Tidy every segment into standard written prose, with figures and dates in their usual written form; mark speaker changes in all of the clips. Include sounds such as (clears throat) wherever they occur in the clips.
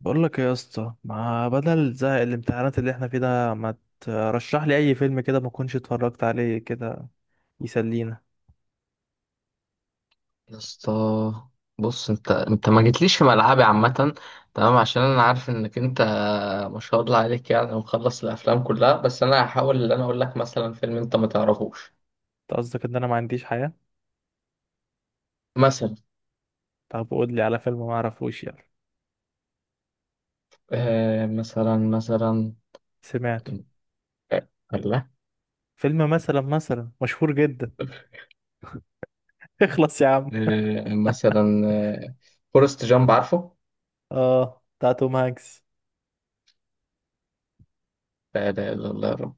Speaker 1: بقول لك إيه يا اسطى، ما بدل زهق الامتحانات اللي احنا فيه ده ما ترشح لي اي فيلم كده ما كنتش اتفرجت عليه كده؟ يسلينا.
Speaker 2: يا اسطى، بص. انت ما جيتليش في ملعبي عامة. تمام، عشان انا عارف انك انت ما شاء الله عليك، يعني مخلص الافلام كلها. بس انا هحاول ان انا اقول لك مثلا فيلم انت ما تعرفوش.
Speaker 1: انت قصدك ان انا ما عنديش حياة؟
Speaker 2: مثلا.
Speaker 1: طب قول لي على فيلم ما اعرفوش، يلا.
Speaker 2: مثلا
Speaker 1: سمعته.
Speaker 2: آه، الله.
Speaker 1: فيلم مثلا مثلا مشهور جدا. (laughs) اخلص يا عم.
Speaker 2: مثلا. فورست جامب، عارفه؟
Speaker 1: اه، بتاع توم هانكس.
Speaker 2: لا اله الا الله يا رب.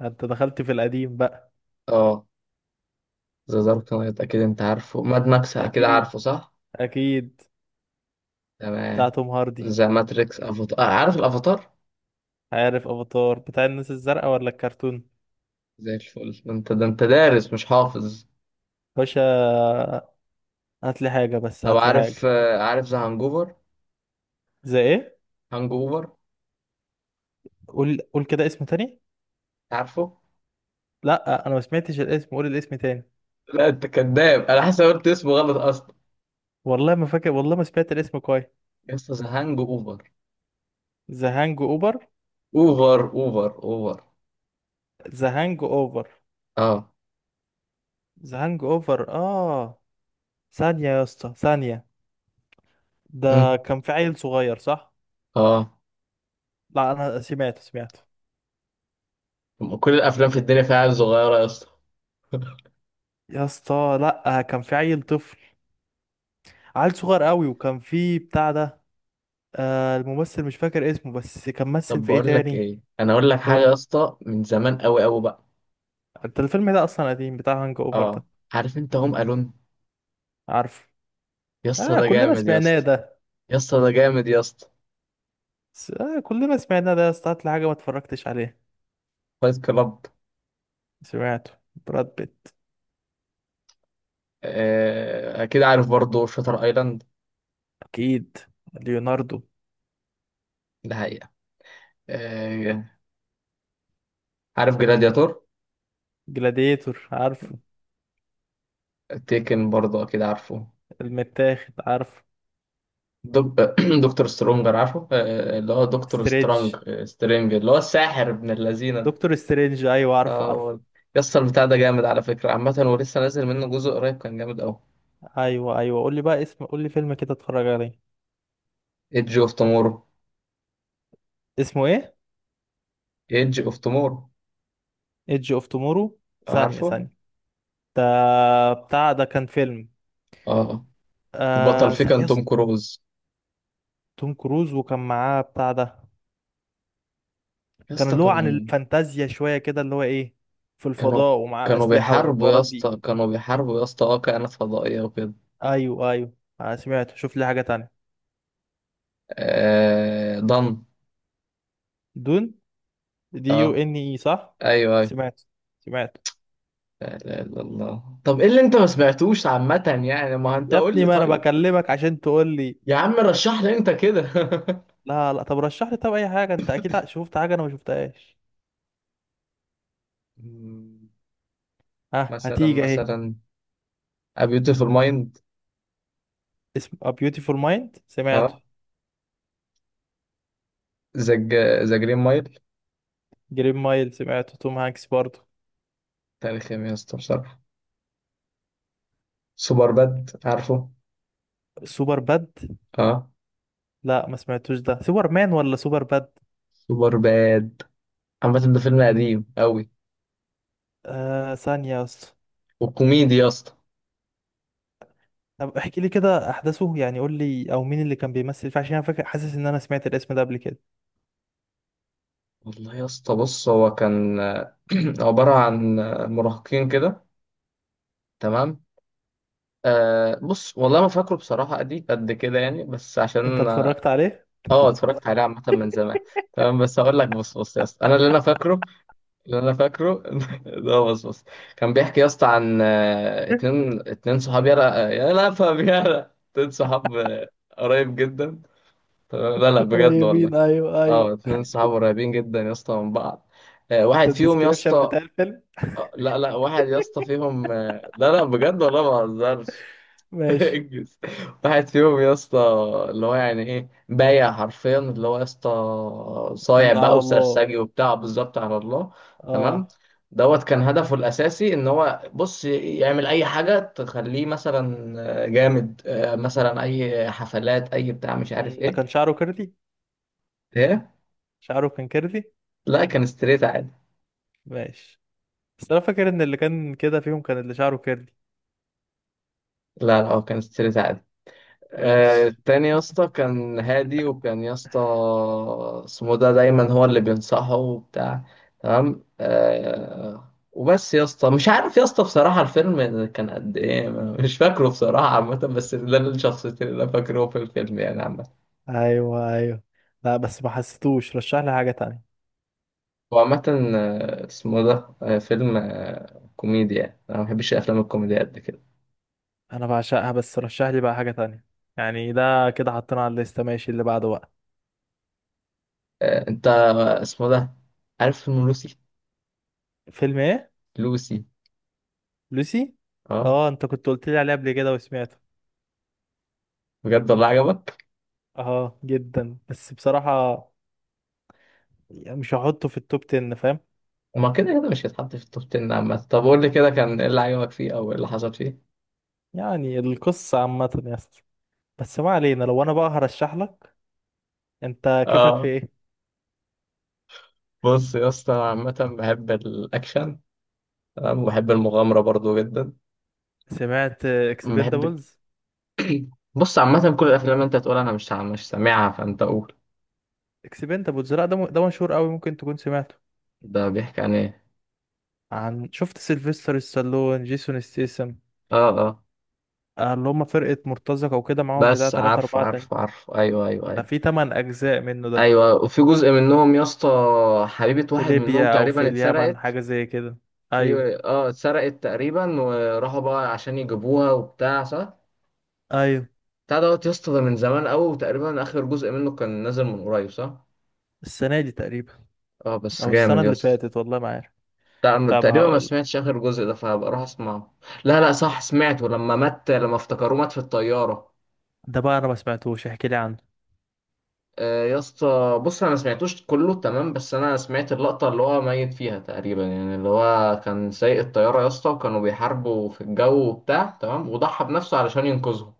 Speaker 1: انت دخلت في القديم بقى.
Speaker 2: اه، ذا دارك نايت اكيد انت عارفه، ماد ماكس اكيد
Speaker 1: اكيد
Speaker 2: عارفه، صح؟
Speaker 1: اكيد بتاع
Speaker 2: تمام.
Speaker 1: توم هاردي.
Speaker 2: ذا ماتريكس، افاتار، عارف الافاتار؟
Speaker 1: عارف افاتار بتاع الناس الزرقاء ولا الكرتون؟
Speaker 2: زي الفل. ده انت دارس مش حافظ.
Speaker 1: باشا، هات لي حاجة بس،
Speaker 2: طب
Speaker 1: هات لي
Speaker 2: عارف
Speaker 1: حاجة.
Speaker 2: آه، عارف ذا هانجوفر.
Speaker 1: زي ايه؟
Speaker 2: هانجوفر،
Speaker 1: قول قول كده اسم تاني.
Speaker 2: عارفه؟
Speaker 1: لا، انا ما سمعتش الاسم، قول الاسم تاني.
Speaker 2: لا انت كذاب، انا حاسس إن أنا قلت اسمه غلط اصلا.
Speaker 1: والله ما فاكر، والله ما سمعت الاسم كويس.
Speaker 2: يس، ذا هانج اوفر.
Speaker 1: ذا هانج اوفر.
Speaker 2: اوفر اوفر اوفر.
Speaker 1: ذا هانج اوفر.
Speaker 2: اه.
Speaker 1: ذا هانج اوفر اه. ثانية يا اسطى، ثانية.
Speaker 2: أمم.
Speaker 1: ده كان في عيل صغير، صح؟
Speaker 2: اه.
Speaker 1: لا، انا سمعت سمعت.
Speaker 2: كل الافلام في الدنيا فيها عيال صغيره يا اسطى.
Speaker 1: يا اسطى لا، كان في عيل طفل، عيل صغير قوي، وكان في بتاع ده. الممثل مش فاكر اسمه، بس كان مثل
Speaker 2: طب
Speaker 1: في ايه
Speaker 2: بقول لك
Speaker 1: تاني؟
Speaker 2: ايه، انا اقول لك حاجه
Speaker 1: قول.
Speaker 2: يا اسطى من زمان قوي قوي بقى.
Speaker 1: انت الفيلم ده اصلا قديم بتاع هانج اوفر
Speaker 2: اه،
Speaker 1: ده؟
Speaker 2: عارف انت هوم الون؟
Speaker 1: عارفه.
Speaker 2: يا اسطى
Speaker 1: اه،
Speaker 2: ده
Speaker 1: كلنا
Speaker 2: جامد يا
Speaker 1: سمعناه
Speaker 2: اسطى.
Speaker 1: ده.
Speaker 2: يا اسطى ده جامد يا اسطى.
Speaker 1: كلنا سمعناه ده يا اسطى، هات لي حاجة ما اتفرجتش عليها.
Speaker 2: فايت كلاب.
Speaker 1: سمعته. براد بيت.
Speaker 2: اكيد عارف برضه شاتر ايلاند.
Speaker 1: اكيد. ليوناردو.
Speaker 2: ده. آه، عارف جلادياتور؟
Speaker 1: جلاديتور عارفه.
Speaker 2: تيكن برضه اكيد عارفه.
Speaker 1: المتاخد عارفه.
Speaker 2: دك... (clears throat) دكتور سترونجر، عارفه؟ اللي هو دكتور
Speaker 1: سترينج.
Speaker 2: سترونج آه، سترينج، اللي هو الساحر ابن اللذينه ده.
Speaker 1: دكتور سترينج ايوه، عارفه
Speaker 2: اه هو
Speaker 1: عارفه.
Speaker 2: ده. يسطا البتاع ده جامد على فكره عامه، ولسه نازل منه جزء قريب كان جامد قوي.
Speaker 1: ايوه ايوه، قول لي بقى اسم، قول لي فيلم كده اتفرج عليه.
Speaker 2: ايدج اوف تومورو.
Speaker 1: اسمه ايه؟
Speaker 2: ايدج اوف تومورو،
Speaker 1: ايدج اوف تومورو. ثانية
Speaker 2: عارفه.
Speaker 1: ثانية. ده بتاع ده كان فيلم.
Speaker 2: اه. البطل فيه
Speaker 1: يا
Speaker 2: كان توم
Speaker 1: اسطى،
Speaker 2: كروز.
Speaker 1: توم كروز، وكان معاه بتاع ده. كان
Speaker 2: يسطا
Speaker 1: اللي هو عن
Speaker 2: كانوا.
Speaker 1: الفانتازيا شوية كده، اللي هو ايه، في
Speaker 2: كانوا
Speaker 1: الفضاء، ومعاه
Speaker 2: كانوا
Speaker 1: أسلحة
Speaker 2: بيحاربوا يا
Speaker 1: والحوارات دي.
Speaker 2: اسطى، كانوا بيحاربوا يا اسطى، اه، كائنات فضائيه وكده.
Speaker 1: ايوه ايوه. انا سمعت، شوف لي حاجة تانية.
Speaker 2: ضن.
Speaker 1: دون. دي يو
Speaker 2: اه،
Speaker 1: ان اي، صح؟
Speaker 2: ايوه أيوه.
Speaker 1: سمعت سمعت.
Speaker 2: لا لا لا، الله. طب ايه اللي انت ما سمعتوش عامة يعني؟ ما انت
Speaker 1: يا
Speaker 2: قول
Speaker 1: ابني
Speaker 2: لي
Speaker 1: ما انا
Speaker 2: طيب.
Speaker 1: بكلمك عشان تقول لي.
Speaker 2: يا عم رشح لي انت كده.
Speaker 1: لا لا، طب رشح لي طب، اي حاجه انت اكيد شفت حاجه انا ما شفتهاش.
Speaker 2: (laughs) مم،
Speaker 1: ها،
Speaker 2: مثلا
Speaker 1: هتيجي اهي.
Speaker 2: مثلا A Beautiful Mind.
Speaker 1: اسم A Beautiful Mind سمعته.
Speaker 2: اه. ذا ذا جرين مايل.
Speaker 1: جرين مايل سمعته، توم هانكس برضه.
Speaker 2: تاريخ يا اسطى بصراحة. سوبر باد، عارفه؟
Speaker 1: سوبر باد.
Speaker 2: اه.
Speaker 1: لا ما سمعتوش ده، سوبر مان ولا سوبر باد؟
Speaker 2: سوبر باد. عامة ده فيلم قديم قوي،
Speaker 1: ثانيه يا اسطى.
Speaker 2: وكوميدي يا اسطى.
Speaker 1: طب احكي لي كده احداثه يعني، قول لي او مين اللي كان بيمثل فيه، عشان انا فاكر حاسس ان انا سمعت الاسم ده قبل كده.
Speaker 2: والله يا اسطى بص، هو كان (clears throat) عبارة عن مراهقين كده. تمام. بص، والله ما فاكره بصراحة قد قد كده يعني، بس
Speaker 1: انت
Speaker 2: عشان.
Speaker 1: اتفرجت عليه؟
Speaker 2: اه، اتفرجت عليه عامة من زمان. تمام، بس هقول لك. بص بص يا اسطى، انا اللي انا فاكره، اللي انا فاكره (laughs) ده، بص بص، كان بيحكي يا اسطى عن اتنين صحاب. يلا يلا، فاهم؟ يلا، اتنين صحاب قريب جدا. تمام، لا لا،
Speaker 1: (laughs)
Speaker 2: بجد والله.
Speaker 1: قريبين، ايوه
Speaker 2: اه،
Speaker 1: ايوه.
Speaker 2: اتنين صحاب قريبين جدا يا اسطى من بعض. واحد
Speaker 1: ده
Speaker 2: فيهم يا
Speaker 1: الديسكريبشن
Speaker 2: اسطى.
Speaker 1: بتاع الفيلم.
Speaker 2: لا لا، واحد يا اسطى فيهم. لا لا بجد والله ما بهزرش. (laughs)
Speaker 1: ماشي.
Speaker 2: انجز. واحد فيهم يا اسطى، اللي هو يعني ايه، بايع حرفيا. اللي هو يا اسطى صايع
Speaker 1: مم،
Speaker 2: بقى
Speaker 1: على الله.
Speaker 2: وسرسجي وبتاع بالظبط، على الله.
Speaker 1: اه.
Speaker 2: تمام. دوت كان هدفه الاساسي ان هو بص يعمل اي حاجه تخليه مثلا جامد، مثلا اي حفلات، اي بتاع مش عارف
Speaker 1: ده كان
Speaker 2: ايه.
Speaker 1: شعره كيرلي.
Speaker 2: ايه؟
Speaker 1: شعره كان كيرلي.
Speaker 2: لا كان ستريت عادي.
Speaker 1: ماشي. بس انا فاكر ان اللي كان كده فيهم كان اللي شعره كيرلي.
Speaker 2: لا لا، هو كان ستريت عادي.
Speaker 1: ماشي.
Speaker 2: التاني يا اسطى كان هادي، وكان يا اسطى اسمه ده دايما هو اللي بينصحه وبتاع. تمام. وبس يا اسطى، مش عارف يا اسطى بصراحة الفيلم كان قد ايه، مش فاكره بصراحة عامة، بس ده الشخصيتين اللي انا فاكره في الفيلم يعني عامة.
Speaker 1: ايوه ايوه. لا بس ما حسيتوش، رشح لي حاجة تانية.
Speaker 2: هو عامة اسمه ده فيلم كوميديا يعني. انا ما بحبش الافلام الكوميديا قد كده.
Speaker 1: انا بعشقها، بس رشح لي بقى حاجة تانية. يعني ده كده حطينا على الليستة، ماشي، اللي بعده بقى.
Speaker 2: انت، اسمه ده، عارف فيلم لوسي؟
Speaker 1: فيلم ايه؟
Speaker 2: لوسي.
Speaker 1: لوسي.
Speaker 2: اه،
Speaker 1: اه، انت كنت قلت لي عليه قبل كده وسمعته.
Speaker 2: بجد والله عجبك؟
Speaker 1: اه جدا، بس بصراحة يعني مش هحطه في التوب 10، فاهم.
Speaker 2: ما كده كده مش هيتحط في التوب 10 عامة. طب قول لي كده، كان ايه اللي عجبك فيه او ايه اللي حصل فيه؟
Speaker 1: يعني القصة عامة يا اسطى. بس ما علينا، لو انا بقى هرشح لك، انت كيفك في
Speaker 2: اه،
Speaker 1: ايه؟
Speaker 2: بص يا اسطى، أنا عامة بحب الأكشن، تمام، وبحب المغامرة برضو جدا.
Speaker 1: سمعت
Speaker 2: بحب.
Speaker 1: اكسبندابلز؟
Speaker 2: بص عامة كل الأفلام أنت تقول أنا مش سامعها، فأنت قول.
Speaker 1: اكسبندابلز، لا ده ده مشهور قوي، ممكن تكون سمعته.
Speaker 2: ده بيحكي عن إيه؟
Speaker 1: عن، شفت سيلفستر ستالون، جيسون ستيسم،
Speaker 2: اه اه.
Speaker 1: اللي هم فرقة مرتزقة وكده، معاهم بتاع
Speaker 2: بس
Speaker 1: تلاتة
Speaker 2: عارفه
Speaker 1: أربعة تاني.
Speaker 2: عارفه عارفه، أيوه أيوه
Speaker 1: ده
Speaker 2: أيوه.
Speaker 1: في تمن أجزاء منه ده.
Speaker 2: أيوه، وفي جزء منهم يا اسطى حبيبة
Speaker 1: في
Speaker 2: واحد منهم
Speaker 1: ليبيا أو في
Speaker 2: تقريبا
Speaker 1: اليمن
Speaker 2: اتسرقت.
Speaker 1: حاجة زي كده. أيوه
Speaker 2: في، اه، اتسرقت تقريبا، وراحوا بقى عشان يجيبوها وبتاع، صح.
Speaker 1: أيوه.
Speaker 2: بتاع دوت يا اسطى ده من زمان قوي، وتقريبا اخر جزء منه كان نازل من قريب، صح؟
Speaker 1: السنة دي تقريبا
Speaker 2: اه بس
Speaker 1: أو السنة
Speaker 2: جامد يا
Speaker 1: اللي
Speaker 2: اسطى.
Speaker 1: فاتت، والله ما عارف. طب
Speaker 2: تقريبا ما
Speaker 1: هقول.
Speaker 2: سمعتش اخر جزء ده، فهبقى اروح اسمعه. لا لا، صح، سمعته لما مات، لما افتكروه مات في الطياره.
Speaker 1: ده بقى أنا ما سمعتوش، احكي لي عنه.
Speaker 2: آه يا اسطى بص، انا ما سمعتوش كله تمام، بس انا سمعت اللقطه اللي هو ميت فيها تقريبا، يعني اللي هو كان سايق الطياره يا اسطى، وكانوا بيحاربوا في الجو وبتاع، تمام، وضحى بنفسه علشان ينقذهم.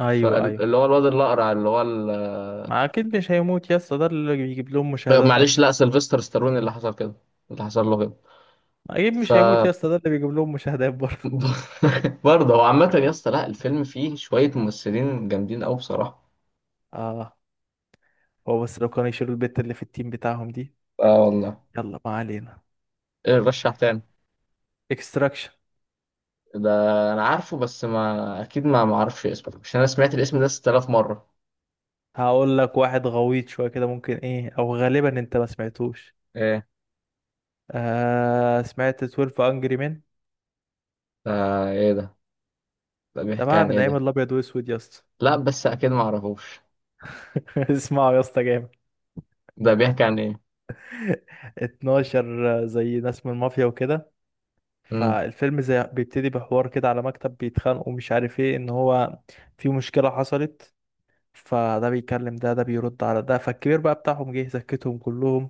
Speaker 1: أيوه أيوه.
Speaker 2: فاللي هو الواد الاقرع، اللي هو
Speaker 1: ما أكيد مش هيموت يا اسطى، ده اللي بيجيب لهم مشاهدات
Speaker 2: معلش،
Speaker 1: أصلا.
Speaker 2: لا سيلفستر ستالون اللي حصل كده، اللي حصل له كده.
Speaker 1: اكيد
Speaker 2: ف
Speaker 1: مش هيموت يا اسطى، ده اللي بيجيب لهم مشاهدات برضه.
Speaker 2: (laughs) برضه هو عامة يا اسطى، لا الفيلم فيه شوية ممثلين جامدين أوي بصراحة.
Speaker 1: اه. هو بس لو كانوا يشيلوا البت اللي في التيم بتاعهم دي.
Speaker 2: اه والله.
Speaker 1: يلا ما علينا.
Speaker 2: رشح تاني.
Speaker 1: اكستراكشن.
Speaker 2: ده أنا عارفه، بس ما أكيد ما معرفش اسمه، عشان أنا سمعت الاسم ده 6000 مرة.
Speaker 1: هقول لك واحد غويط شويه كده، ممكن ايه او غالبا انت ما سمعتوش.
Speaker 2: إيه
Speaker 1: سمعت 12 انجري مان؟
Speaker 2: ده؟ إيه ده؟ ده
Speaker 1: ده
Speaker 2: بيحكي
Speaker 1: بقى
Speaker 2: عن
Speaker 1: من
Speaker 2: إيه
Speaker 1: ايام
Speaker 2: ده؟
Speaker 1: الابيض واسود يا اسطى.
Speaker 2: لا بس أكيد ما أعرفوش.
Speaker 1: (laughs) اسمعوا يا اسطى، جامد.
Speaker 2: ده بيحكي عن إيه؟
Speaker 1: (laughs) 12 زي ناس من المافيا وكده.
Speaker 2: مم.
Speaker 1: فالفيلم زي بيبتدي بحوار كده على مكتب، بيتخانقوا ومش عارف ايه، ان هو في مشكله حصلت، فده بيكلم ده، ده بيرد على ده، فالكبير بقى بتاعهم جه زكتهم كلهم.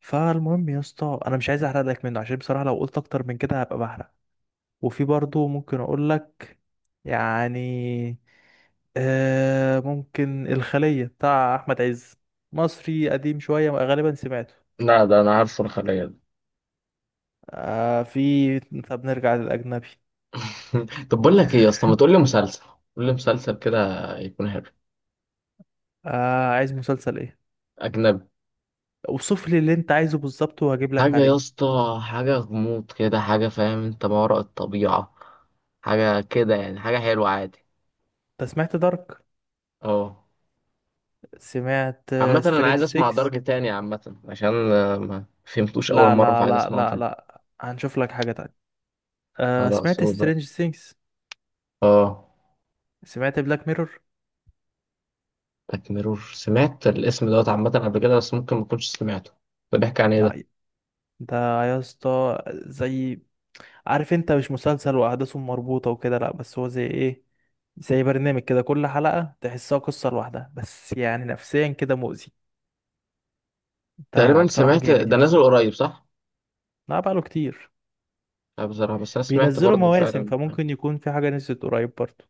Speaker 1: فالمهم يا اسطى انا مش عايز احرق لك منه، عشان بصراحة لو قلت اكتر من كده هبقى بحرق. وفي برضه ممكن اقول لك، يعني، ممكن الخلية بتاع احمد عز، مصري قديم شوية، غالبا سمعته.
Speaker 2: لا ده أنا عارفه، الخلية ده.
Speaker 1: في، طب نرجع للاجنبي.
Speaker 2: (laughs) طب بقول لك إيه يا اسطى،
Speaker 1: (laughs)
Speaker 2: ما تقول لي مسلسل. قول لي مسلسل كده يكون حلو.
Speaker 1: عايز مسلسل ايه؟
Speaker 2: أجنبي.
Speaker 1: اوصف لي اللي انت عايزه بالظبط وهجيب لك
Speaker 2: حاجة يا
Speaker 1: عليه.
Speaker 2: اسطى، حاجة غموض كده، حاجة فاهم انت، ما وراء الطبيعة، حاجة كده يعني، حاجة حلوة عادي.
Speaker 1: انت سمعت دارك؟
Speaker 2: اه.
Speaker 1: سمعت.
Speaker 2: عامة انا
Speaker 1: سترينج
Speaker 2: عايز اسمع
Speaker 1: 6؟
Speaker 2: درج تاني عامة، عشان ما فهمتوش اول
Speaker 1: لا
Speaker 2: مرة،
Speaker 1: لا
Speaker 2: فعايز
Speaker 1: لا
Speaker 2: اسمعه
Speaker 1: لا
Speaker 2: تاني.
Speaker 1: لا، هنشوف لك حاجة تانية.
Speaker 2: خلاص
Speaker 1: سمعت
Speaker 2: هو ده.
Speaker 1: سترينج ثينجز؟
Speaker 2: اه.
Speaker 1: سمعت بلاك ميرور؟
Speaker 2: بلاك ميرور، سمعت الاسم دوت عامة قبل كده، بس ممكن ما كنتش سمعته. ده بيحكي عن ايه ده؟
Speaker 1: لا ده يا اسطى زي، عارف انت مش مسلسل واحداثه مربوطة وكده، لا بس هو زي ايه، زي برنامج كده، كل حلقة تحسها قصة لوحدها، بس يعني نفسيا كده مؤذي. ده
Speaker 2: تقريبا
Speaker 1: بصراحة
Speaker 2: سمعت
Speaker 1: جامد،
Speaker 2: ده
Speaker 1: يس.
Speaker 2: نازل قريب، صح؟
Speaker 1: لا، بقاله كتير.
Speaker 2: لا بصراحة، بس انا سمعت
Speaker 1: بينزلوا
Speaker 2: برضه
Speaker 1: مواسم
Speaker 2: فعلا.
Speaker 1: فممكن يكون في حاجة نزلت قريب برضه.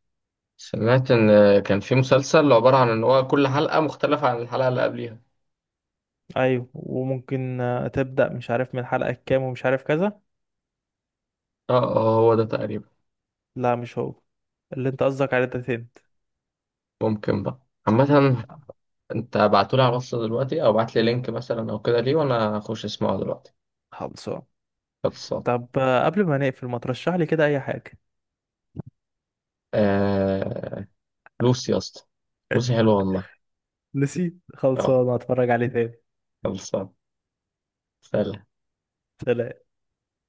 Speaker 2: سمعت ان كان في مسلسل عبارة عن ان هو كل حلقة مختلفة عن الحلقة اللي قبليها.
Speaker 1: ايوه، وممكن تبدأ مش عارف من الحلقة الكام ومش عارف كذا.
Speaker 2: اه اه، هو ده تقريبا.
Speaker 1: لا مش هو، اللي انت قصدك عليه ده تاني.
Speaker 2: ممكن بقى. عامة، انت بعتولي على الواتس دلوقتي، او بعتلي لينك مثلا او كده ليه، وانا اخش اسمعه دلوقتي.
Speaker 1: خلصان.
Speaker 2: خلصان.
Speaker 1: طب قبل ما نقفل ما ترشح لي كده اي حاجة.
Speaker 2: آه... لوسي يا اسطى. لوسي حلوة والله.
Speaker 1: نسيت،
Speaker 2: اه.
Speaker 1: خلصان، هتفرج عليه تاني.
Speaker 2: خلصان. سلام.
Speaker 1: سلام.